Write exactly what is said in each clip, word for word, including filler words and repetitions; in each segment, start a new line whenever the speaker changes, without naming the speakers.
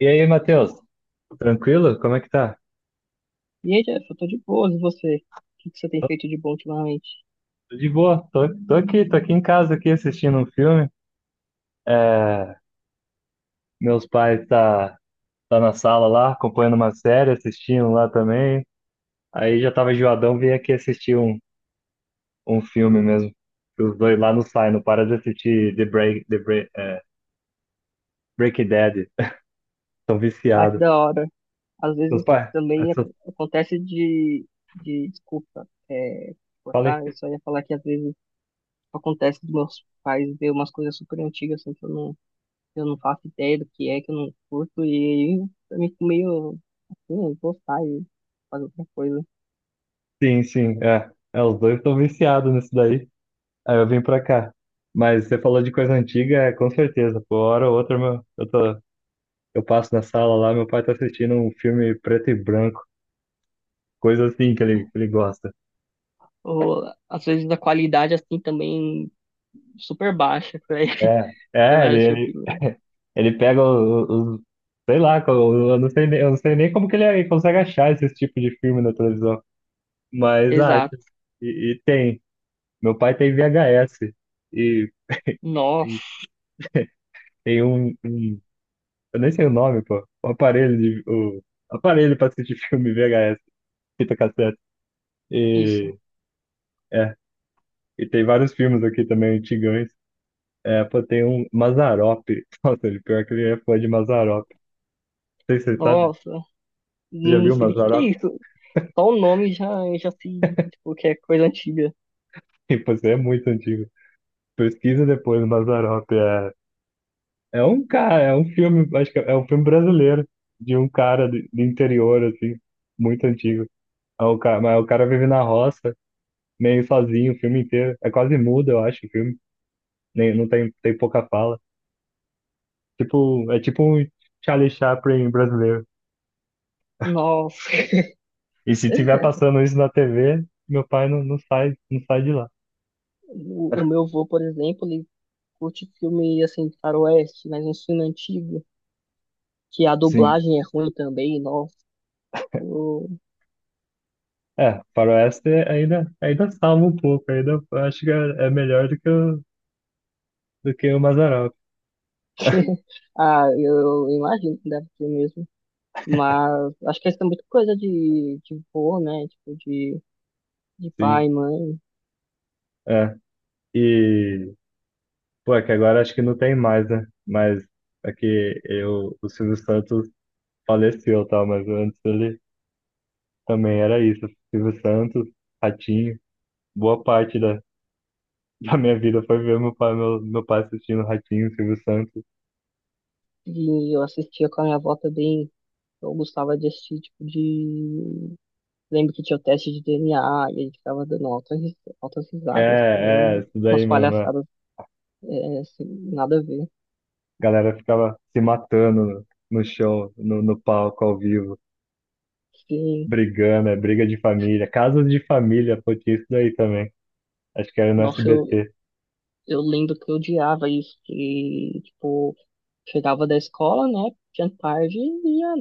E aí, Matheus? Tranquilo? Como é que tá?
E aí, Jeff, eu tô de boas, e você? O que que você tem feito de bom ultimamente?
Tô de boa. Tô, tô aqui, tô aqui em casa aqui assistindo um filme. É, meus pais tá, tá na sala lá, acompanhando uma série, assistindo lá também. Aí já tava enjoadão, vim aqui assistir um, um filme mesmo. Que os dois lá não saem, não para de assistir The Break, The Break, é, Breaking Bad. Estão
Ah, que
viciados.
da hora. Às
Meus
vezes
pais,
também
essa-
ac- acontece de, de desculpa, é,
falei?
cortar. Eu só ia falar que às vezes acontece dos meus pais ver umas coisas super antigas, assim, que eu não, que eu não faço ideia do que é, que eu não curto, e aí eu me fico meio, assim, gostar e fazer outra coisa.
Sim, sim, é. É, os dois estão viciados nisso daí. Aí eu vim pra cá. Mas você falou de coisa antiga, é, com certeza. Por hora ou outra, meu, eu tô, eu passo na sala lá, meu pai tá assistindo um filme preto e branco, coisa assim que ele, que ele gosta.
Ou às vezes a qualidade, assim, também super baixa pra você
É, é,
vai
ele,
assistir o
ele,
filme.
ele pega os, sei lá, co- eu não sei, nem- eu não sei nem como que ele, ele consegue achar esse tipo de filme na televisão, mas acha.
Exato.
E, e tem. Meu pai tem V H S e,
Nossa,
e tem um, um. Eu nem sei o nome, pô. O aparelho de, o aparelho para assistir filme V H S, fita cassete.
isso.
E é, e tem vários filmes aqui também antigões. É, pô, tem um Mazzaropi. Nossa, ele pior que ele é fã de Mazzaropi. Não sei se você sabe.
Nossa,
Você já
não
viu
sei nem o que que é
Mazzaropi?
isso. Só o nome já, já se, tipo, que é coisa antiga.
E, pô, você é muito antigo. Pesquisa depois o Mazzaropi. É, é um cara, é um filme, acho que é um filme brasileiro de um cara de- do interior assim, muito antigo. É o cara, mas o cara vive na roça meio sozinho o filme inteiro. É quase mudo, eu acho, o filme. Nem, não tem, tem pouca fala. Tipo, é tipo um Charlie Chaplin brasileiro.
Nossa.
E se tiver passando isso na T V, meu pai não, não sai, não sai de lá.
O, o meu avô, por exemplo, ele curte filme, assim, de faroeste, mas um filme antigo, que a
Sim.
dublagem é ruim também, nossa. Eu-
É, faroeste ainda, ainda salva um pouco, ainda acho que é, é melhor do que o, do que o Mazzaropi,
Ah, eu imagino que deve ser mesmo. Mas acho que isso é muito coisa de, de vô, né? Tipo, de, de
sim.
pai, mãe.
É, e, pô, é que agora acho que não tem mais, né? Mas é que eu, o Silvio Santos faleceu, tá? Mas antes ele também era isso, Silvio Santos, Ratinho, boa parte da, da minha vida foi ver meu pai, meu, meu pai assistindo Ratinho, Silvio Santos.
E eu assistia com a minha avó também. Eu gostava de assistir, tipo, de lembro que tinha o teste de D N A e a gente ficava dando altas, ris- altas risadas,
É, é,
com
isso
umas
daí mesmo. É.
palhaçadas, é, assim, nada a ver.
A galera ficava se matando no, no show, no, no palco, ao vivo,
Sim,
brigando, é briga de família. Casas de família, pô, tinha isso daí também. Acho que era no
nossa, eu,
S B T.
eu lembro que eu odiava isso, que, tipo, chegava da escola, né, tinha tarde e ia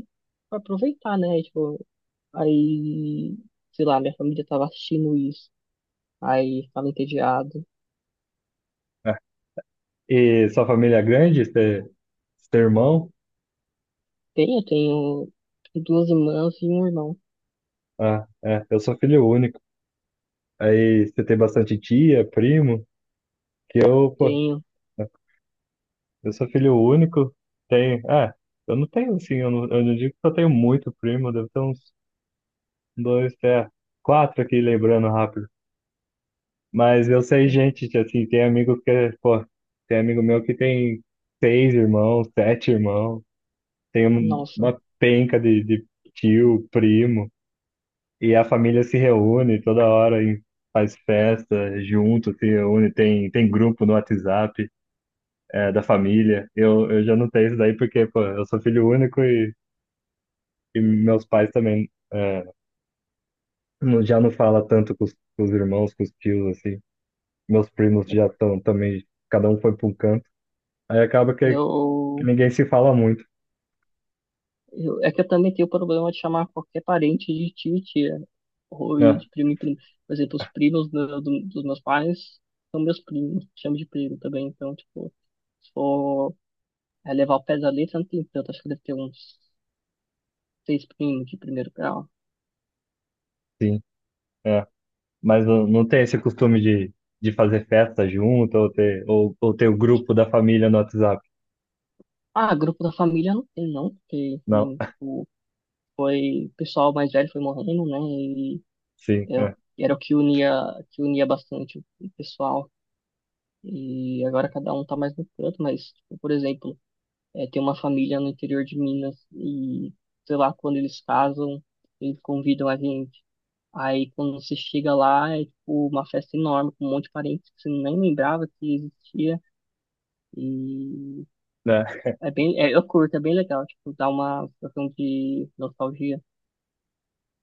pra aproveitar, né, tipo, aí, sei lá, minha família tava assistindo isso, aí ficava entediado.
É. E sua família é grande? Você você tem irmão?
Tenho, tenho duas irmãs e um irmão,
Ah, é, eu sou filho único. Aí você tem bastante tia, primo, que eu, pô,
tenho,
eu sou filho único, tenho. É, eu não tenho assim, eu não, eu não digo que eu tenho muito primo, deve ter uns dois, até quatro aqui lembrando rápido. Mas eu sei gente, que, assim, tem amigo que, pô, tem amigo meu que tem seis irmãos, sete irmãos, tem um-
nossa,
uma penca de, de tio, primo, e a família se reúne toda hora e faz festa junto, se reúne, tem, tem grupo no WhatsApp, é, da família. Eu, eu já não tenho isso daí porque, pô, eu sou filho único. E meus pais também é, não- já não fala tanto com os, com os irmãos, com os tios, assim. Meus primos já estão também, cada um foi para um canto. Aí acaba que, que
eu
ninguém se fala muito.
Eu- é que eu também tenho o problema de chamar qualquer parente de tio e tia. Ou e
É,
de primo e primo. Por exemplo, os primos do- do- dos meus pais são meus primos. Chamo de primo também. Então, tipo, se for é, levar o pé da letra, não tem tanto. Acho que deve ter uns seis primos de primeiro grau.
sim, é. Mas não, não tem esse costume de, de fazer festa junto ou ter, ou, ou ter o grupo da família no WhatsApp.
Ah, grupo da família não tem, não. Porque,
Não,
enfim, tipo, foi... O pessoal mais velho foi morrendo, né? E
sim, é,
eu, era o que unia, que unia bastante o pessoal. E agora cada um tá mais no canto. Mas, tipo, por exemplo... é, tem uma família no interior de Minas e, sei lá, quando eles casam, eles convidam a gente. Aí quando você chega lá, é tipo uma festa enorme, com um monte de parentes que você nem lembrava que existia. E
é,
é bem, é, eu curto, é bem legal, tipo, dá uma sensação de nostalgia.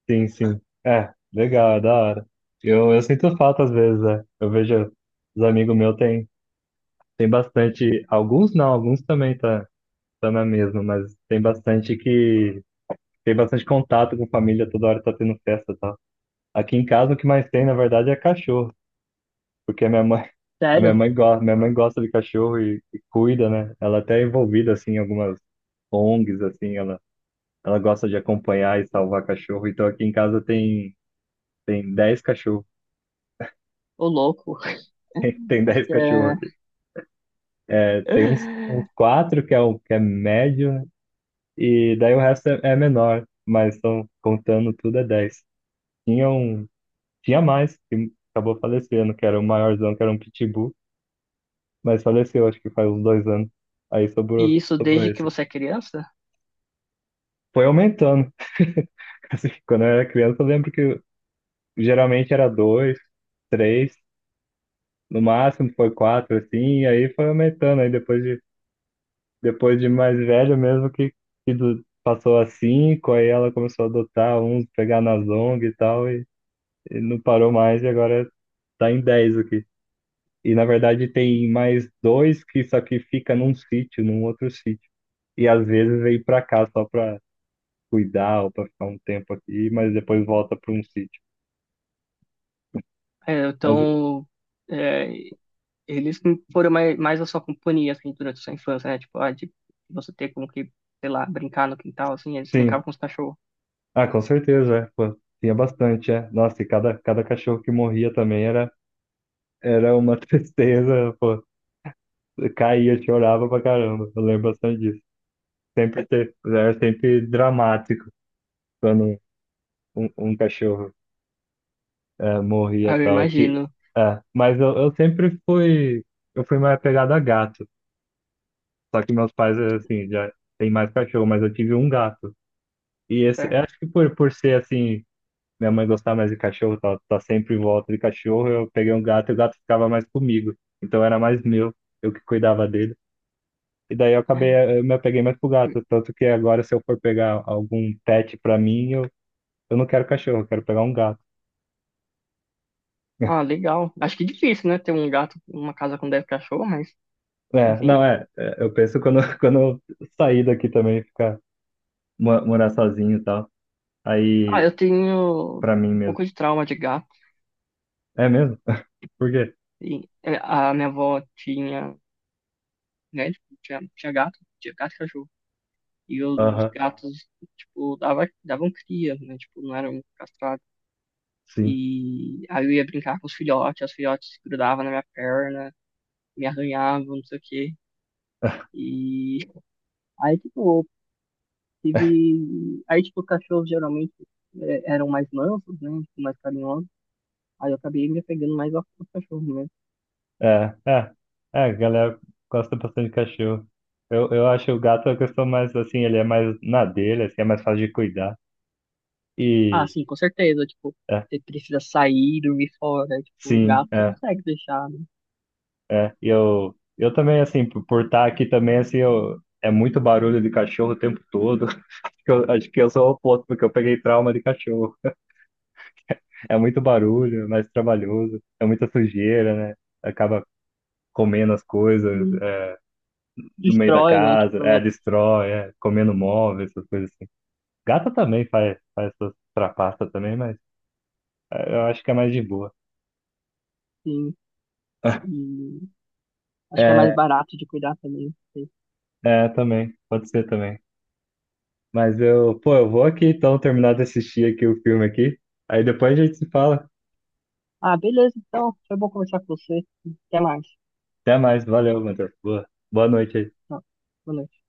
sim, sim. É, legal, é da hora. Eu, eu sinto falta às vezes, né? Eu vejo os amigos meus tem, tem bastante, alguns não, alguns também tá, tá na mesma, mas tem bastante que. Tem bastante contato com família, toda hora tá tendo festa e tal. Aqui em casa o que mais tem, na verdade, é cachorro, porque a minha mãe, a minha
Sério?
mãe gosta, minha mãe gosta de cachorro e, e cuida, né? Ela até é envolvida assim em algumas O N Gs assim, ela ela gosta de acompanhar e salvar cachorro. Então aqui em casa tem tem dez cachorros.
Ô louco.
Tem tem
Acho
dez
que é...
cachorros aqui. É, tem uns, uns quatro que é o que é médio e daí o resto é, é menor, mas estão contando tudo é dez. Tinha um. Tinha mais, que acabou falecendo, que era o maiorzão, que era um pitbull, mas faleceu, acho que faz uns dois anos. Aí
E
sobrou,
isso
sobrou
desde que
esse.
você é criança?
Foi aumentando. Assim, quando eu era criança, eu lembro que geralmente era dois, três, no máximo foi quatro, assim, e aí foi aumentando. Aí depois de, depois de mais velho mesmo, que, que do- passou a cinco, aí ela começou a adotar uns, pegar nas O N G e tal, e, e não parou mais, e agora tá em dez aqui. E na verdade tem mais dois que só que fica num sítio, num outro sítio. E às vezes vem pra cá só pra cuidar ou pra ficar um tempo aqui, mas depois volta pra um sítio.
É,
Mas
então, é, eles não foram mais, mais a sua companhia, assim, durante a sua infância, né? Tipo, ah, de você ter como que, sei lá, brincar no quintal, assim, eles
sim,
brincavam com os cachorros.
ah, com certeza, é. Pô, tinha bastante, é. Nossa, e cada, cada cachorro que morria também era, era uma tristeza, pô. Eu caía, chorava pra caramba. Eu lembro bastante disso. Sempre ter, era sempre dramático quando um, um um cachorro é, morria e
Ah, eu
tal. Ti-
imagino,
É, mas eu, eu sempre fui, eu fui mais apegado a gato. Só que meus pais, assim, já têm mais cachorro, mas eu tive um gato. E esse, eu
certo.
acho que por, por ser assim, minha mãe gostava mais de cachorro, tá, tá sempre em volta de cachorro, eu peguei um gato e o gato ficava mais comigo. Então era mais meu, eu que cuidava dele. E daí eu acabei, eh, eu me apeguei mais pro gato. Tanto que agora, se eu for pegar algum pet pra mim, eu, eu não quero cachorro, eu quero pegar um gato.
Ah, legal. Acho que difícil, né? Ter um gato, uma casa com dez cachorros, mas,
É, não,
enfim.
é, é, eu penso quando, quando eu sair daqui também, ficar, mo- morar sozinho e tal,
Ah,
aí,
eu tenho
pra mim
um
mesmo.
pouco de trauma de gato.
É mesmo? Por quê?
E é, a minha avó tinha, né? Tipo, Tinha, tinha gato, tinha gato e cachorro. E os
Aham,
gatos, tipo, dava, davam cria, né? Tipo, não eram castrados.
sim.
E aí eu ia brincar com os filhotes, os filhotes grudavam na minha perna, me arranhavam, não sei o quê. E aí, tipo, eu tive. Aí, tipo, os cachorros geralmente eh, eram mais mansos, né? Tipo, mais carinhosos. Aí eu acabei me apegando mais aos aos cachorros mesmo.
É, é, é, a galera gosta bastante de cachorro. Eu, eu acho o gato a questão mais, assim, ele é mais na dele, assim, é mais fácil de cuidar.
Ah,
E,
sim, com certeza. Tipo,
é,
você precisa sair, dormir fora. Tipo, o
sim,
gato você
é,
consegue deixar, né?
é. E eu, eu também, assim, por, por estar aqui também, assim, eu, é muito barulho de cachorro o tempo todo. Eu, acho que eu sou o oposto, porque eu peguei trauma de cachorro. É muito barulho, é mais trabalhoso, é muita sujeira, né? Acaba comendo as coisas
E
é, no meio da
destrói, né?
casa,
Tipo,
é,
né?
destrói, é, comendo móveis, essas coisas assim. Gata também faz, faz essas trapaças também, mas é, eu acho que é mais de boa.
Sim. E acho que é mais
É,
barato de cuidar também. Não sei.
é, também, pode ser também. Mas eu, pô, eu vou aqui então terminar de assistir aqui o filme aqui, aí depois a gente se fala.
Ah, beleza, então. Foi bom conversar com você. Até mais.
Até mais, valeu, Matheus. Boa, boa noite aí.
Tá. Boa noite.